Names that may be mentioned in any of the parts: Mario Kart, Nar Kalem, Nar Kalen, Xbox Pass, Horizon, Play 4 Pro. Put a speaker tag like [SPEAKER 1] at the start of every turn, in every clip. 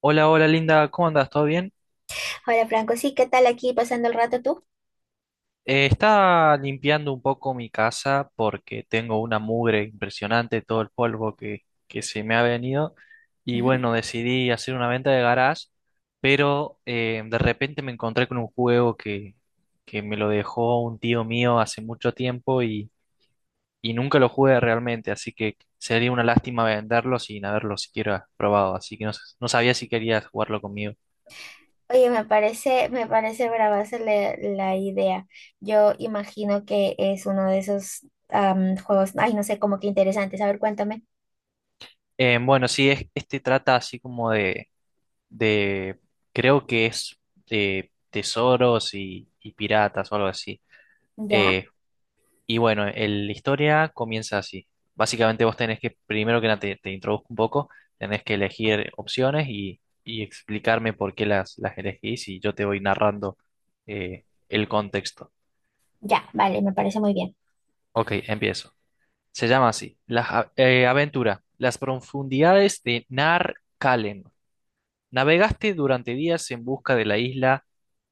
[SPEAKER 1] Hola, hola Linda, ¿cómo andas? ¿Todo bien?
[SPEAKER 2] Hola Franco, sí, ¿qué tal aquí pasando el rato tú?
[SPEAKER 1] Estaba limpiando un poco mi casa porque tengo una mugre impresionante, todo el polvo que se me ha venido. Y
[SPEAKER 2] Ujú.
[SPEAKER 1] bueno, decidí hacer una venta de garage, pero de repente me encontré con un juego que me lo dejó un tío mío hace mucho tiempo y nunca lo jugué realmente, así que sería una lástima venderlo sin haberlo siquiera probado, así que no, no sabía si querías jugarlo conmigo.
[SPEAKER 2] Oye, me parece brava hacerle la idea. Yo imagino que es uno de esos juegos, ay, no sé, como que interesantes. A ver, cuéntame.
[SPEAKER 1] Bueno, sí, es, este trata así como de de, creo que es de tesoros y piratas o algo así.
[SPEAKER 2] Ya,
[SPEAKER 1] Eh, y bueno, la historia comienza así. Básicamente vos tenés que, primero que nada, te introduzco un poco, tenés que elegir opciones y explicarme por qué las elegís y yo te voy narrando el contexto.
[SPEAKER 2] ya, vale, me parece muy bien.
[SPEAKER 1] Ok, empiezo. Se llama así, la aventura, las profundidades de Nar Kalen. Navegaste durante días en busca de la isla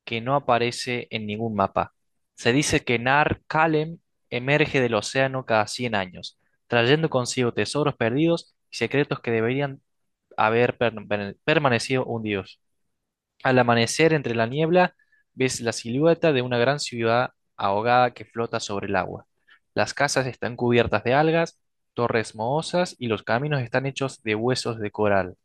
[SPEAKER 1] que no aparece en ningún mapa. Se dice que Nar Kalem emerge del océano cada 100 años, trayendo consigo tesoros perdidos y secretos que deberían haber permanecido hundidos. Al amanecer entre la niebla, ves la silueta de una gran ciudad ahogada que flota sobre el agua. Las casas están cubiertas de algas, torres mohosas y los caminos están hechos de huesos de coral.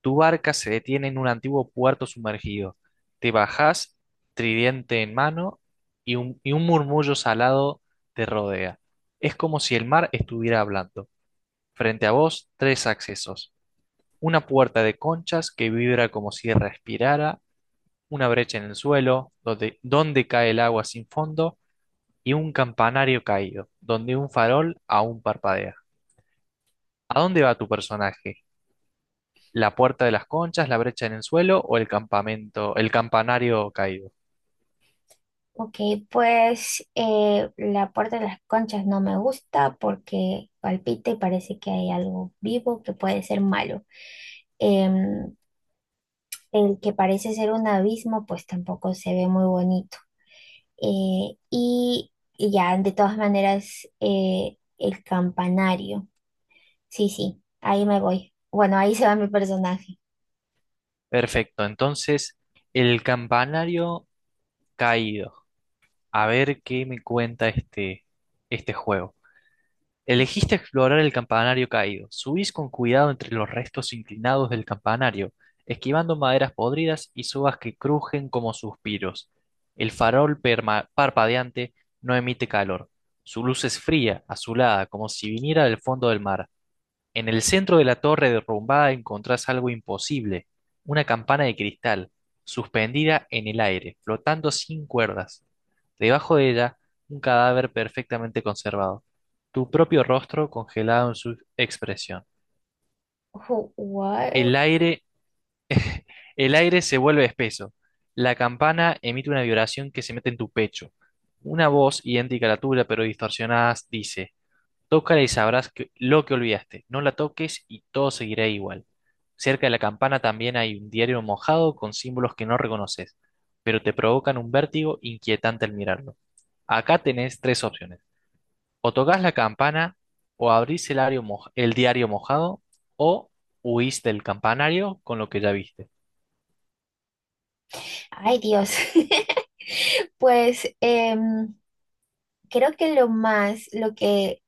[SPEAKER 1] Tu barca se detiene en un antiguo puerto sumergido. Te bajás, tridente en mano, y un murmullo salado te rodea. Es como si el mar estuviera hablando. Frente a vos, tres accesos. Una puerta de conchas que vibra como si respirara, una brecha en el suelo, donde cae el agua sin fondo, y un campanario caído, donde un farol aún parpadea. ¿A dónde va tu personaje? La puerta de las conchas, la brecha en el suelo o el campamento, el campanario caído.
[SPEAKER 2] Ok, pues la puerta de las conchas no me gusta porque palpita y parece que hay algo vivo que puede ser malo. Em, el que parece ser un abismo, pues tampoco se ve muy bonito. Eh, y ya, de todas maneras, el campanario. Sí, sí, ahí me voy. Bueno, ahí se va mi personaje.
[SPEAKER 1] Perfecto, entonces el campanario caído. A ver qué me cuenta este juego. Elegiste explorar el campanario caído. Subís con cuidado entre los restos inclinados del campanario, esquivando maderas podridas y sobas que crujen como suspiros. El farol parpadeante no emite calor. Su luz es fría, azulada, como si viniera del fondo del mar. En el centro de la torre derrumbada encontrás algo imposible, una campana de cristal, suspendida en el aire, flotando sin cuerdas. Debajo de ella, un cadáver perfectamente conservado, tu propio rostro congelado en su expresión.
[SPEAKER 2] Guau.
[SPEAKER 1] El aire, el aire se vuelve espeso. La campana emite una vibración que se mete en tu pecho. Una voz idéntica a la tuya, pero distorsionada, dice: Tócala y sabrás lo que olvidaste. No la toques y todo seguirá igual. Cerca de la campana también hay un diario mojado con símbolos que no reconoces, pero te provocan un vértigo inquietante al mirarlo. Acá tenés tres opciones. O tocas la campana, o abrís el diario, el diario mojado, o huís del campanario con lo que ya viste.
[SPEAKER 2] Ay, Dios. Pues creo que lo más, lo que,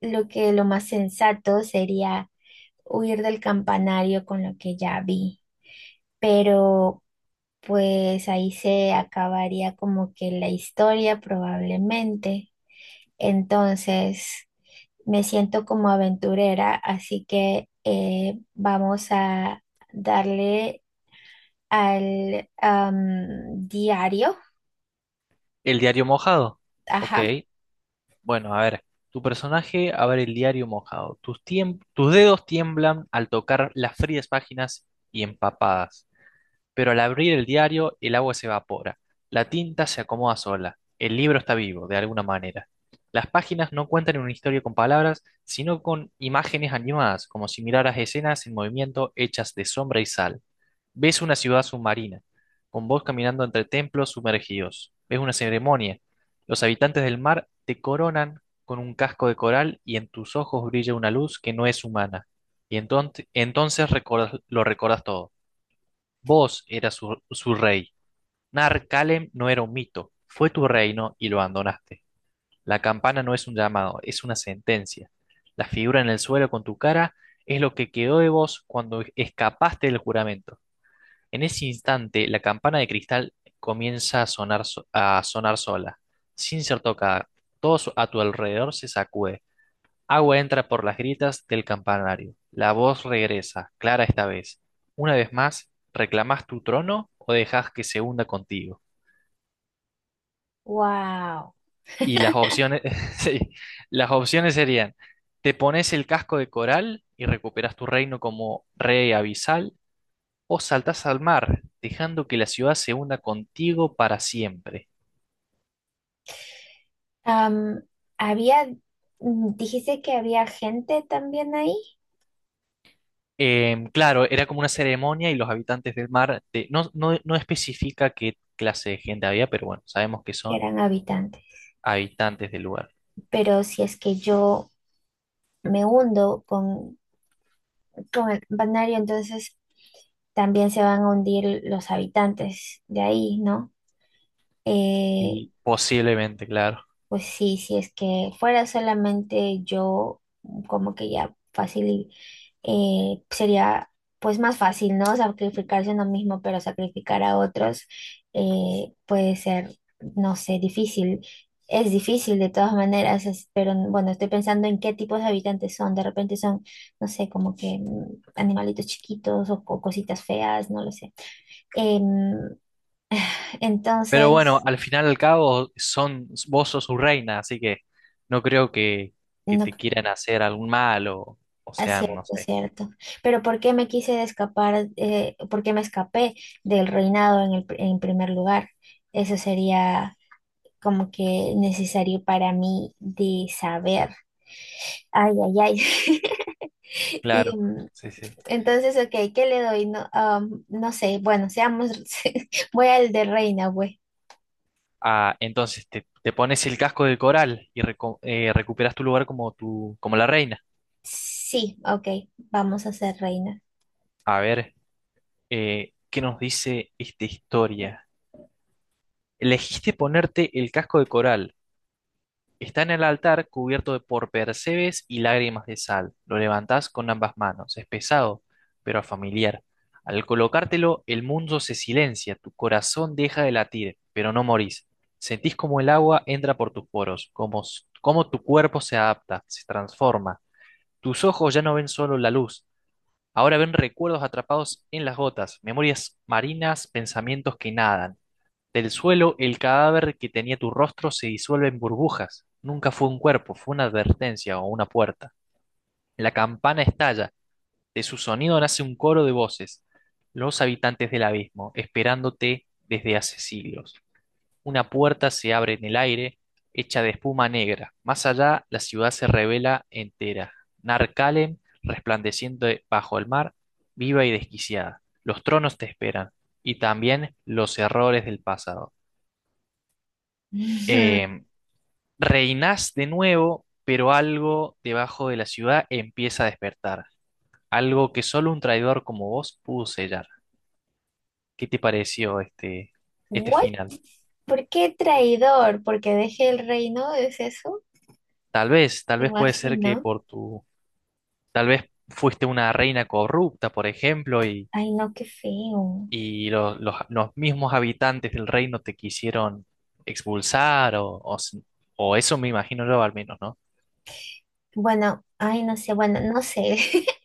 [SPEAKER 2] lo que lo más sensato sería huir del campanario con lo que ya vi. Pero pues ahí se acabaría como que la historia probablemente. Entonces. Me siento como aventurera, así que vamos a darle al diario.
[SPEAKER 1] El diario mojado. Ok.
[SPEAKER 2] Ajá.
[SPEAKER 1] Bueno, a ver, tu personaje abre el diario mojado. Tus, tus dedos tiemblan al tocar las frías páginas y empapadas. Pero al abrir el diario, el agua se evapora, la tinta se acomoda sola, el libro está vivo, de alguna manera. Las páginas no cuentan una historia con palabras, sino con imágenes animadas, como si miraras escenas en movimiento hechas de sombra y sal. Ves una ciudad submarina, con vos caminando entre templos sumergidos. Ves una ceremonia. Los habitantes del mar te coronan con un casco de coral y en tus ojos brilla una luz que no es humana. Y entonces, entonces lo recordas todo. Vos eras su rey. Nar Kalem no era un mito. Fue tu reino y lo abandonaste. La campana no es un llamado, es una sentencia. La figura en el suelo con tu cara es lo que quedó de vos cuando escapaste del juramento. En ese instante, la campana de cristal comienza a sonar, a sonar sola, sin ser tocada. Todo a tu alrededor se sacude. Agua entra por las grietas del campanario. La voz regresa, clara esta vez. Una vez más, ¿reclamás tu trono o dejás que se hunda contigo?
[SPEAKER 2] Wow.
[SPEAKER 1] Y las opciones, sí, las opciones serían, te pones el casco de coral y recuperas tu reino como rey abisal, o saltás al mar, dejando que la ciudad se hunda contigo para siempre.
[SPEAKER 2] Am, Había, mm, dijiste que había gente también ahí,
[SPEAKER 1] Claro, era como una ceremonia y los habitantes del mar, te- no, no, no especifica qué clase de gente había, pero bueno, sabemos que
[SPEAKER 2] que
[SPEAKER 1] son
[SPEAKER 2] eran habitantes,
[SPEAKER 1] habitantes del lugar.
[SPEAKER 2] pero si es que yo me hundo con el banario, entonces también se van a hundir los habitantes de ahí, ¿no? Eh,
[SPEAKER 1] Y posiblemente, claro.
[SPEAKER 2] Pues sí, si es que fuera solamente yo, como que ya fácil, y, sería pues más fácil, ¿no? Sacrificarse uno mismo, pero sacrificar a otros puede ser, no sé, difícil. Es difícil de todas maneras, pero bueno, estoy pensando en qué tipos de habitantes son. De repente son, no sé, como que mm, animalitos chiquitos o cositas feas, no lo sé. Em,
[SPEAKER 1] Pero bueno,
[SPEAKER 2] entonces,
[SPEAKER 1] al final y al cabo, son, vos sos su reina, así que no creo que
[SPEAKER 2] no.
[SPEAKER 1] te quieran hacer algún mal o
[SPEAKER 2] Ah,
[SPEAKER 1] sean, no
[SPEAKER 2] cierto,
[SPEAKER 1] sé.
[SPEAKER 2] cierto. Pero ¿por qué me quise de escapar, por qué me escapé del reinado en en primer lugar? Eso sería como que necesario para mí de saber. Ay, ay, ay. Y
[SPEAKER 1] Claro,
[SPEAKER 2] mm,
[SPEAKER 1] sí, sí.
[SPEAKER 2] entonces, ok, ¿qué le doy? No, no sé, bueno, seamos, voy al de reina, güey.
[SPEAKER 1] Ah, entonces te pones el casco de coral y recuperas tu lugar como, tu, como la reina.
[SPEAKER 2] Sí, ok, vamos a ser reina.
[SPEAKER 1] A ver, ¿qué nos dice esta historia? Elegiste ponerte el casco de coral. Está en el altar cubierto de- por percebes y lágrimas de sal. Lo levantás con ambas manos. Es pesado, pero familiar. Al colocártelo, el mundo se silencia, tu corazón deja de latir, pero no morís. Sentís como el agua entra por tus poros, como, como tu cuerpo se adapta, se transforma. Tus ojos ya no ven solo la luz, ahora ven recuerdos atrapados en las gotas, memorias marinas, pensamientos que nadan. Del suelo, el cadáver que tenía tu rostro se disuelve en burbujas. Nunca fue un cuerpo, fue una advertencia o una puerta. La campana estalla, de su sonido nace un coro de voces. Los habitantes del abismo, esperándote desde hace siglos. Una puerta se abre en el aire, hecha de espuma negra. Más allá, la ciudad se revela entera. Narcalen, resplandeciendo bajo el mar, viva y desquiciada. Los tronos te esperan, y también los errores del pasado. Em, Reinás de nuevo, pero algo debajo de la ciudad empieza a despertar, algo que solo un traidor como vos pudo sellar. ¿Qué te pareció este
[SPEAKER 2] ¿What?
[SPEAKER 1] final?
[SPEAKER 2] ¿Por qué traidor? ¿Porque dejé el reino? ¿Es eso?
[SPEAKER 1] Tal vez puede ser que
[SPEAKER 2] Imagino.
[SPEAKER 1] por tu, tal vez fuiste una reina corrupta, por ejemplo,
[SPEAKER 2] Ay, no, qué feo.
[SPEAKER 1] y los mismos habitantes del reino te quisieron expulsar, o, s- o eso me imagino yo al menos, ¿no?
[SPEAKER 2] Bueno, ay, no sé, bueno, no sé,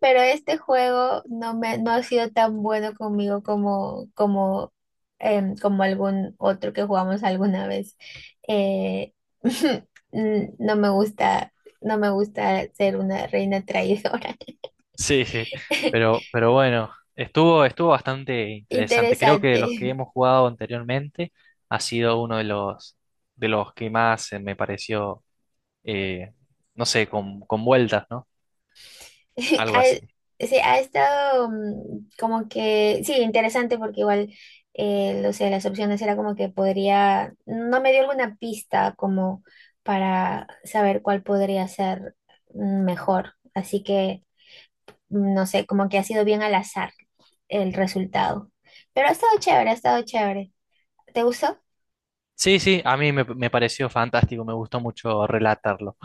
[SPEAKER 2] pero este juego no me, no ha sido tan bueno conmigo como algún otro que jugamos alguna vez. Eh, mm, no me gusta ser una reina traidora.
[SPEAKER 1] Sí, sí, pero bueno, estuvo, estuvo bastante interesante. Creo que los que
[SPEAKER 2] Interesante.
[SPEAKER 1] hemos jugado anteriormente ha sido uno de los que más me pareció, eh, no sé, con vueltas, ¿no? Algo así.
[SPEAKER 2] Ha, sí, ha estado mm, como que, sí, interesante porque igual, no sé, las opciones era como que podría, no me dio alguna pista como para saber cuál podría ser mm, mejor. Así que, mm, no sé, como que ha sido bien al azar el resultado. Pero ha estado chévere, ha estado chévere. ¿Te gustó?
[SPEAKER 1] Sí, sí, a mí me, me pareció fantástico, me gustó mucho relatarlo.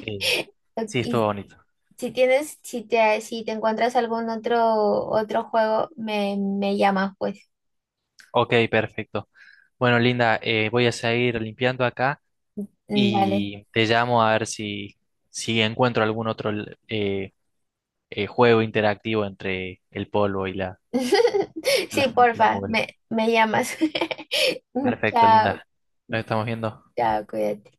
[SPEAKER 1] Eh, sí, estuvo
[SPEAKER 2] Y
[SPEAKER 1] bonito.
[SPEAKER 2] si tienes, si te encuentras algún otro, otro juego, me llamas, pues.
[SPEAKER 1] Ok, perfecto. Bueno, Linda, voy a seguir limpiando acá
[SPEAKER 2] Dale.
[SPEAKER 1] y te llamo a ver si, si encuentro algún otro eh, juego interactivo entre el polvo y la,
[SPEAKER 2] Sí,
[SPEAKER 1] las la
[SPEAKER 2] porfa,
[SPEAKER 1] mugre.
[SPEAKER 2] me llamas.
[SPEAKER 1] Perfecto,
[SPEAKER 2] Chao,
[SPEAKER 1] linda. Nos estamos viendo.
[SPEAKER 2] chao, cuídate.